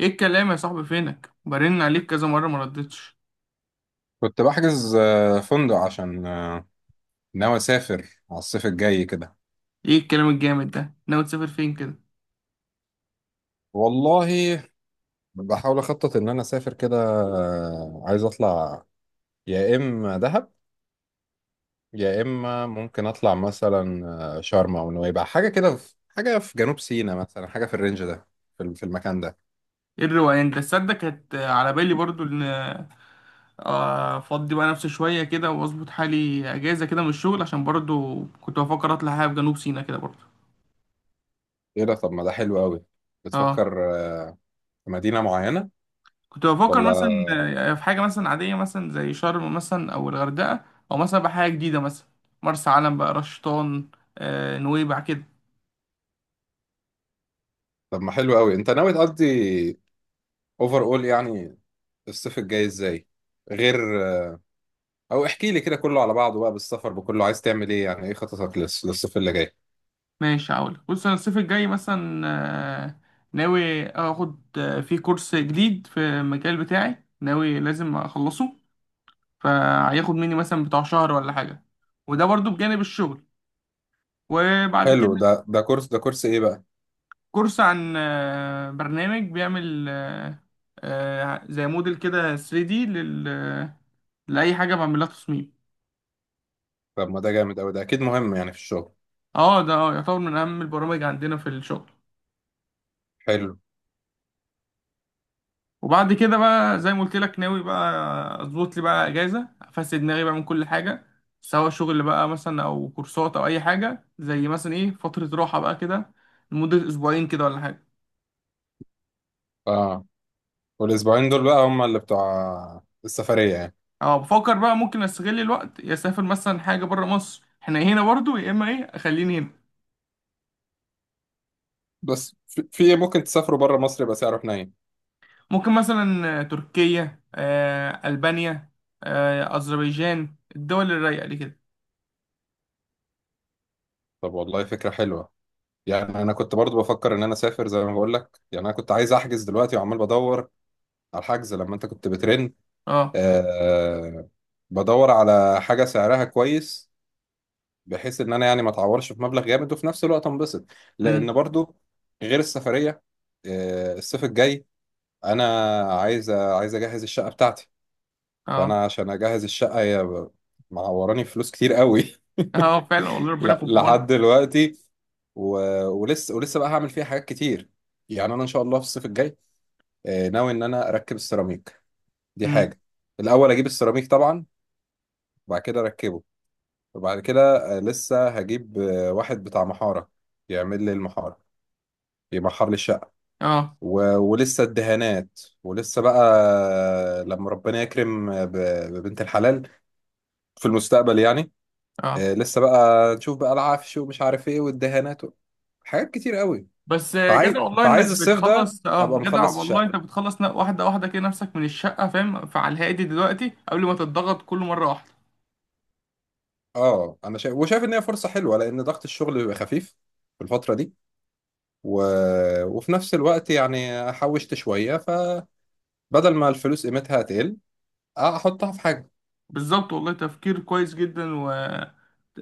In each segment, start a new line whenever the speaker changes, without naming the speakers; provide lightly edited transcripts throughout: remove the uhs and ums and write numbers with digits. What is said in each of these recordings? ايه الكلام يا صاحبي؟ فينك؟ برن عليك كذا مره ما ردتش.
كنت بحجز فندق عشان ناوي اسافر على الصيف الجاي كده.
ايه الكلام الجامد ده؟ ناوي تسافر فين كده؟
والله بحاول اخطط ان انا اسافر كده، عايز اطلع، يا اما دهب يا اما ممكن اطلع مثلا شرم او نويبع، حاجه كده في حاجه في جنوب سيناء مثلا، حاجه في الرينج ده، في المكان ده.
ايه الروقان ده؟ تصدق كانت على بالي برضو ان افضي بقى نفسي شويه كده واظبط حالي اجازه كده من الشغل، عشان برضو كنت بفكر اطلع حاجه في جنوب سيناء كده برضو.
ايه ده؟ طب ما ده حلو قوي.
اه،
بتفكر في مدينه معينه
كنت بفكر مثلا
ولا؟
في حاجه مثلا عاديه مثلا زي شرم مثلا او الغردقه، او مثلا بحاجه جديده مثلا مرسى علم بقى رشطان، نويبع كده.
طب ما حلو قوي، انت ناوي تقضي اوفر اول يعني الصيف الجاي ازاي؟ غير، او احكي لي كده كله على بعضه بقى، بالسفر بكله عايز تعمل ايه؟ يعني ايه خططك للصيف اللي جاي؟
ماشي، هقولك بص انا الصيف الجاي مثلا آه، ناوي اخد، فيه كورس جديد في المجال بتاعي ناوي لازم اخلصه، فهياخد مني مثلا بتاع شهر ولا حاجة، وده برضو بجانب الشغل. وبعد
حلو.
كده
ده كورس ايه بقى؟
كورس عن برنامج بيعمل زي موديل كده 3D لل... آه، لأي حاجة بعملها تصميم.
طب ما ده جامد قوي، ده اكيد مهم يعني في الشغل.
اه ده يعتبر من أهم البرامج عندنا في الشغل.
حلو.
وبعد كده بقى زي ما قلت لك ناوي بقى اظبط لي بقى اجازه افسد دماغي بقى من كل حاجه، سواء شغل بقى مثلا او كورسات او اي حاجه، زي مثلا ايه فتره راحه بقى كده لمده اسبوعين كده ولا حاجه.
اه، والاسبوعين دول بقى هم اللي بتوع السفرية يعني؟
اه بفكر بقى ممكن استغل الوقت يا اسافر مثلا حاجه بره مصر، احنا هنا برضو يا اما ايه اخليني هنا.
بس في إيه، ممكن تسافروا بره مصر يبقى سعره حنين؟
ممكن مثلا تركيا، البانيا، اذربيجان، الدول الرايقه دي كده.
طب والله فكرة حلوة. يعني انا كنت برضو بفكر ان انا اسافر زي ما بقول لك، يعني انا كنت عايز احجز دلوقتي وعمال بدور على الحجز لما انت كنت بترن.
اه.
آه بدور على حاجة سعرها كويس، بحيث ان انا يعني ما اتعورش في مبلغ جامد وفي نفس الوقت انبسط. لان
امم.
برضو غير السفريه، الصيف الجاي انا عايز اجهز الشقه بتاعتي.
اه.
فانا عشان اجهز الشقه هي معوراني فلوس كتير قوي.
اه فعلا والله ربنا
لا
يكون في عونك.
لحد دلوقتي. و... ولسه بقى هعمل فيها حاجات كتير. يعني انا ان شاء الله في الصيف الجاي ناوي ان انا اركب السيراميك. دي
امم.
حاجه. الاول اجيب السيراميك طبعا، وبعد كده اركبه. وبعد كده لسه هجيب واحد بتاع محارة، يعمل لي المحارة، يمحر لي الشقة.
اه.
ولسه الدهانات، ولسه بقى لما ربنا يكرم ببنت الحلال في المستقبل يعني.
اه.
لسه بقى نشوف بقى العفش ومش عارف ايه والدهانات حاجات كتير قوي.
بس
فعايز
جدع والله انك
فعايز الصيف ده
بتخلص، اه
ابقى
جدع
مخلص
والله
الشقة.
انت بتخلص واحده واحده كده نفسك من الشقه فاهم، فعلى الهادي دلوقتي قبل ما تتضغط كل مره واحده.
اه، انا شايف، وشايف ان هي فرصة حلوة لان ضغط الشغل بيبقى خفيف في الفترة دي، و... وفي نفس الوقت يعني حوشت شوية، ف بدل ما الفلوس قيمتها تقل احطها في حاجة.
بالظبط والله، تفكير كويس جدا و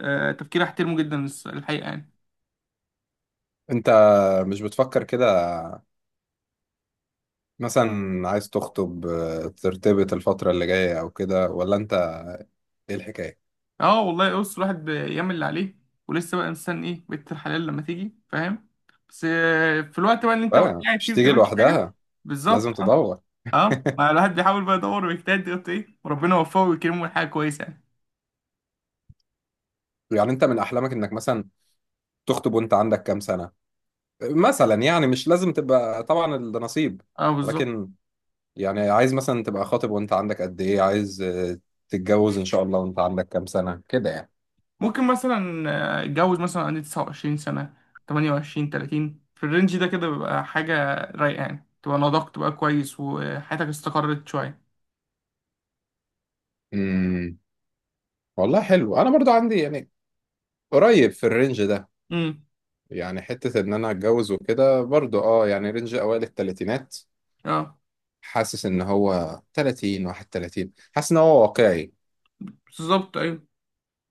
تفكير احترمه جدا، الحقيقه يعني.
انت مش بتفكر كده؟ مثلا عايز تخطب، ترتبط الفترة اللي جاية او كده، ولا انت ايه الحكاية؟
اه والله بص الواحد بيعمل اللي عليه، ولسه بقى انسان ايه بنت الحلال لما تيجي فاهم، بس في الوقت بقى اللي انت
بقى
قاعد فيه
مش
ما
تيجي
بتعملش حاجه.
لوحدها،
بالظبط
لازم
اه.
تدور.
اه ما الواحد بيحاول بقى يدور ويجتهد يقول ايه، وربنا يوفقه ويكرمه حاجه كويسه يعني.
يعني انت من احلامك انك مثلا تخطب وانت عندك كام سنة مثلا يعني؟ مش لازم تبقى، طبعا ده نصيب،
اه بالظبط.
ولكن يعني عايز مثلا تبقى خاطب وانت عندك قد ايه، عايز تتجوز ان شاء الله وانت عندك كام سنة كده يعني؟
ممكن مثلا اتجوز مثلا عندي 29 سنة، 28، 30 في الرينج ده كده بيبقى حاجة رايقة يعني، تبقى نضجت بقى كويس وحياتك استقرت شوية.
امم، والله حلو. انا برضو عندي يعني قريب في الرينج ده.
امم.
يعني حتة إن أنا أتجوز وكده برضو، أه يعني رينج أوائل التلاتينات.
اه.
حاسس إن هو تلاتين، واحد تلاتين، حاسس إن هو واقعي.
بالظبط ايوه.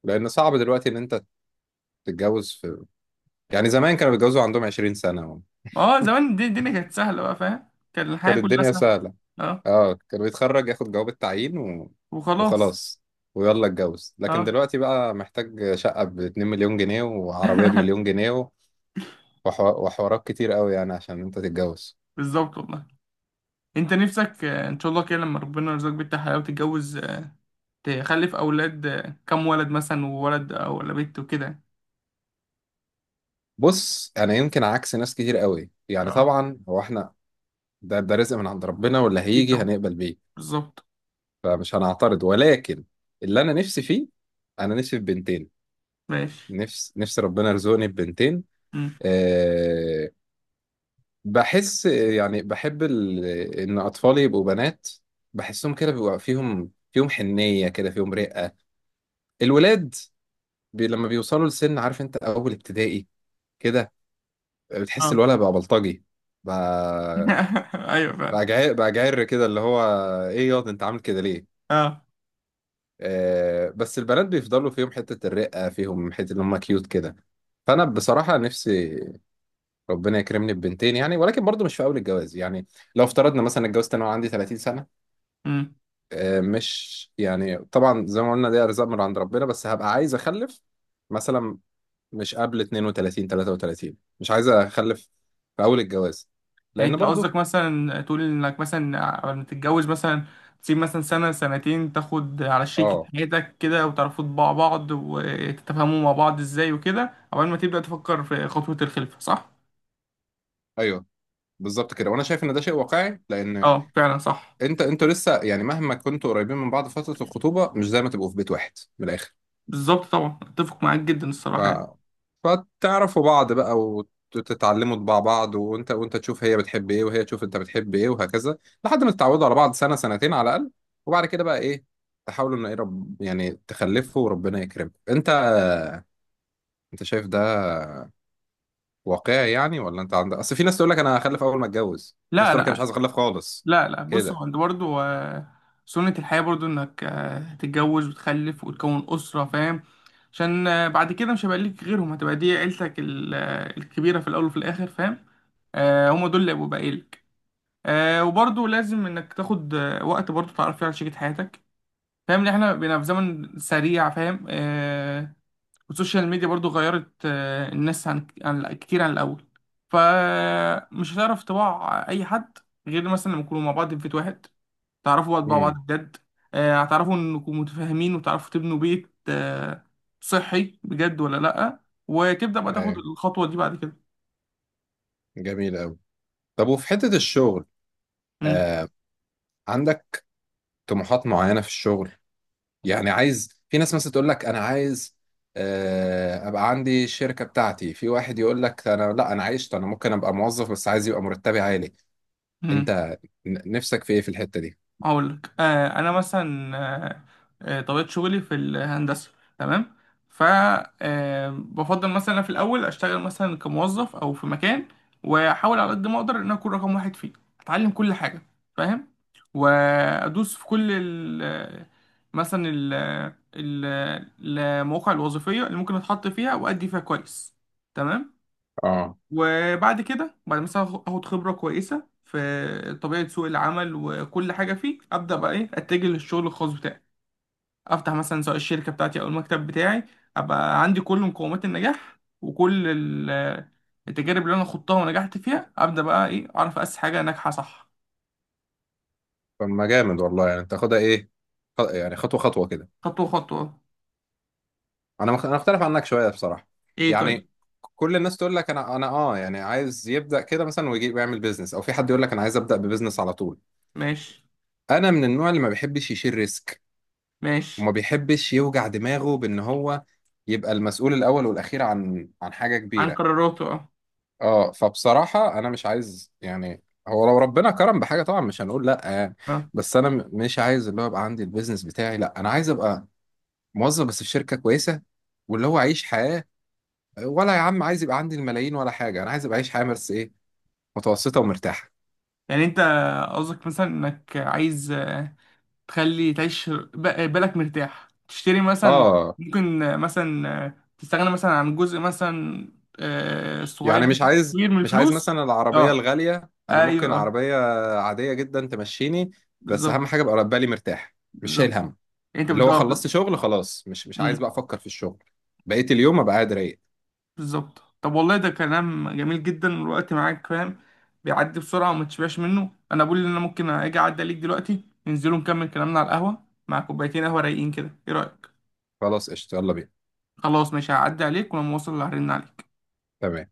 لأن صعب دلوقتي إن أنت تتجوز في، يعني زمان كانوا بيتجوزوا عندهم عشرين سنة
اه زمان دي الدنيا كانت سهلة بقى فاهم، كان الحياة
كانت
كلها
الدنيا
سهلة.
سهلة.
اه
أه، كان بيتخرج ياخد جواب التعيين
وخلاص.
وخلاص. ويلا اتجوز. لكن
اه
دلوقتي بقى محتاج شقة باتنين مليون جنيه وعربية بمليون جنيه وحوارات كتير قوي يعني عشان أنت تتجوز.
بالظبط والله. انت نفسك ان شاء الله كده لما ربنا يرزقك بنت حلال وتتجوز، تخلف اولاد، كم ولد مثلا، وولد او ولا بنت وكده يعني.
بص، انا يمكن عكس ناس كتير قوي، يعني
اه
طبعا هو احنا ده، ده رزق من عند ربنا واللي
اكيد
هيجي
طبعا
هنقبل بيه.
بالظبط.
فمش هنعترض، ولكن اللي انا نفسي فيه، انا نفسي في بنتين.
ماشي.
نفسي ربنا يرزقني ببنتين. أه، بحس يعني بحب ان اطفالي يبقوا بنات. بحسهم كده بيبقى فيهم حنية كده، فيهم رقة. الولاد لما بيوصلوا لسن، عارف انت اول ابتدائي كده، بتحس
اه
الولد بقى بلطجي بقى.
ايوه فعلا.
جعر كده، اللي هو ايه ياض انت عامل كده ليه؟
اه.
بس البنات بيفضلوا فيهم حتة الرقة، فيهم حتة ان هم كيوت كده. فانا بصراحة نفسي ربنا يكرمني ببنتين يعني، ولكن برضو مش في اول الجواز يعني. لو افترضنا مثلا اتجوزت انا وعندي 30 سنة،
امم.
مش يعني طبعا زي ما قلنا ده ارزاق من عند ربنا، بس هبقى عايز اخلف مثلا مش قبل 32 33. مش عايز اخلف في اول الجواز
يعني
لان
انت
برضو.
قصدك مثلا تقول انك مثلا قبل ما تتجوز مثلا تسيب مثلا سنة سنتين تاخد على شريكة
اه،
حياتك كده وتعرفوا طباع بعض وتتفاهموا مع بعض ازاي وكده، قبل ما تبدأ تفكر في خطوة الخلفة، صح؟
ايوه، بالظبط كده. وانا شايف ان ده شيء واقعي، لان
اه فعلا صح.
انت، انتوا لسه يعني مهما كنتوا قريبين من بعض، فترة الخطوبة مش زي ما تبقوا في بيت واحد، من الآخر.
بالظبط طبعا، اتفق معاك جدا
ف...
الصراحة يعني.
فتعرفوا بعض بقى، وتتعلموا طباع بعض، وانت تشوف هي بتحب ايه، وهي تشوف انت بتحب ايه، وهكذا، لحد ما تتعودوا على بعض سنة سنتين على الأقل. وبعد كده بقى ايه، تحاولوا ان ايه يعني تخلفوا وربنا يكرمكم. انت، انت شايف ده واقعي يعني ولا؟ انت عندك اصل، في ناس تقول لك انا هخلف اول ما اتجوز، في ناس
لا
تقول لك انا مش
لا.
عايز اخلف خالص
لا لا. بص
كده.
هو انت برضه سنة الحياة برضه انك تتجوز وتخلف وتكون أسرة فاهم، عشان بعد كده مش هيبقى ليك غيرهم، هتبقى دي عيلتك الكبيرة في الأول وفي الآخر فاهم. هما دول اللي هيبقوا باقيلك. وبرضه لازم انك تاخد وقت برضه تعرف فيه على شريكة حياتك، فاهم ان احنا بقينا في زمن سريع، فاهم. والسوشيال ميديا برضه غيرت الناس كتير عن الأول، فمش هتعرف تبع أي حد غير مثلا لما يكونوا مع بعض في بيت واحد، تعرفوا بعض بقى بعض
امم،
بجد. هتعرفوا انكم متفاهمين وتعرفوا تبنوا بيت صحي بجد ولا لأ، وتبدأ بقى تاخد
ايوه،
الخطوة دي بعد كده.
جميل قوي. طب وفي حتة الشغل،
مم.
آه... عندك طموحات معينة في الشغل؟ يعني عايز، في ناس مثلا تقول لك أنا عايز أبقى عندي الشركة بتاعتي، في واحد يقول لك أنا لا أنا عايشت، أنا ممكن أبقى موظف بس عايز يبقى مرتبي عالي.
مم.
أنت نفسك في إيه في الحتة دي؟
هقول لك، آه انا مثلا طبيعه شغلي في الهندسه، تمام. ف بفضل مثلا في الاول اشتغل مثلا كموظف او في مكان، واحاول على قد ما اقدر ان أنا اكون رقم واحد فيه، اتعلم كل حاجه فاهم، وادوس في كل ال، مثلا ال، ال- المواقع الوظيفيه اللي ممكن اتحط فيها وادي فيها كويس، تمام.
آه،
وبعد كده بعد مثلا اخد خبرة كويسة في طبيعة سوق العمل وكل حاجة فيه، ابدا بقى ايه اتجه للشغل الخاص بتاعي، افتح مثلا سواء الشركة بتاعتي او المكتب بتاعي، ابقى عندي كل مقومات النجاح وكل التجارب اللي انا خضتها ونجحت فيها، ابدا بقى ايه اعرف اسس حاجة ناجحة، صح.
طب ما جامد والله. يعني تاخدها إيه، يعني خطوة خطوة كده.
خطوة خطوة.
أنا أنا أختلف عنك شوية بصراحة.
ايه طيب.
يعني كل الناس تقول لك أنا آه يعني عايز يبدأ كده مثلا ويجي يعمل بيزنس، أو في حد يقول لك أنا عايز أبدأ ببيزنس على طول.
ماشي،
أنا من النوع اللي ما بيحبش يشيل ريسك،
ماشي.
وما بيحبش يوجع دماغه بان هو يبقى المسؤول الاول والاخير عن حاجه
عن
كبيره.
قراراته اه.
اه، فبصراحه انا مش عايز يعني. هو لو ربنا كرم بحاجه طبعا مش هنقول لا يعني،
اه
بس انا مش عايز اللي هو يبقى عندي البيزنس بتاعي. لا، انا عايز ابقى موظف بس في شركه كويسه، واللي هو اعيش حياه. ولا يا عم عايز يبقى عندي الملايين ولا حاجه، انا عايز ابقى اعيش حياه بس ايه، متوسطه ومرتاحه.
يعني انت قصدك مثلا انك عايز تخلي تعيش بالك مرتاح، تشتري مثلا،
اه،
ممكن مثلا تستغنى مثلا عن جزء مثلا
يعني
صغير،
مش عايز،
كبير من الفلوس.
مثلا العربية
اه،
الغالية. أنا ممكن
ايوه،
عربية عادية جدا تمشيني، بس أهم
بالظبط.
حاجة أبقى بالي مرتاح، مش شايل
بالظبط.
هم.
انت
اللي هو
بتدور.
خلصت شغل خلاص، مش عايز
مم.
بقى أفكر في الشغل، بقيت اليوم أبقى قاعد رايق.
بالظبط، طب والله ده كلام جميل جدا، الوقت معاك فاهم بيعدي بسرعة وما تشبعش منه، انا بقول ان انا ممكن اجي اعدي عليك دلوقتي، ننزلوا نكمل كلامنا على القهوة مع كوبايتين قهوة رايقين كده، ايه رأيك؟
خلاص قشطة، يلا بينا.
خلاص ماشي، هعدي عليك ولما اوصل هرن عليك.
تمام.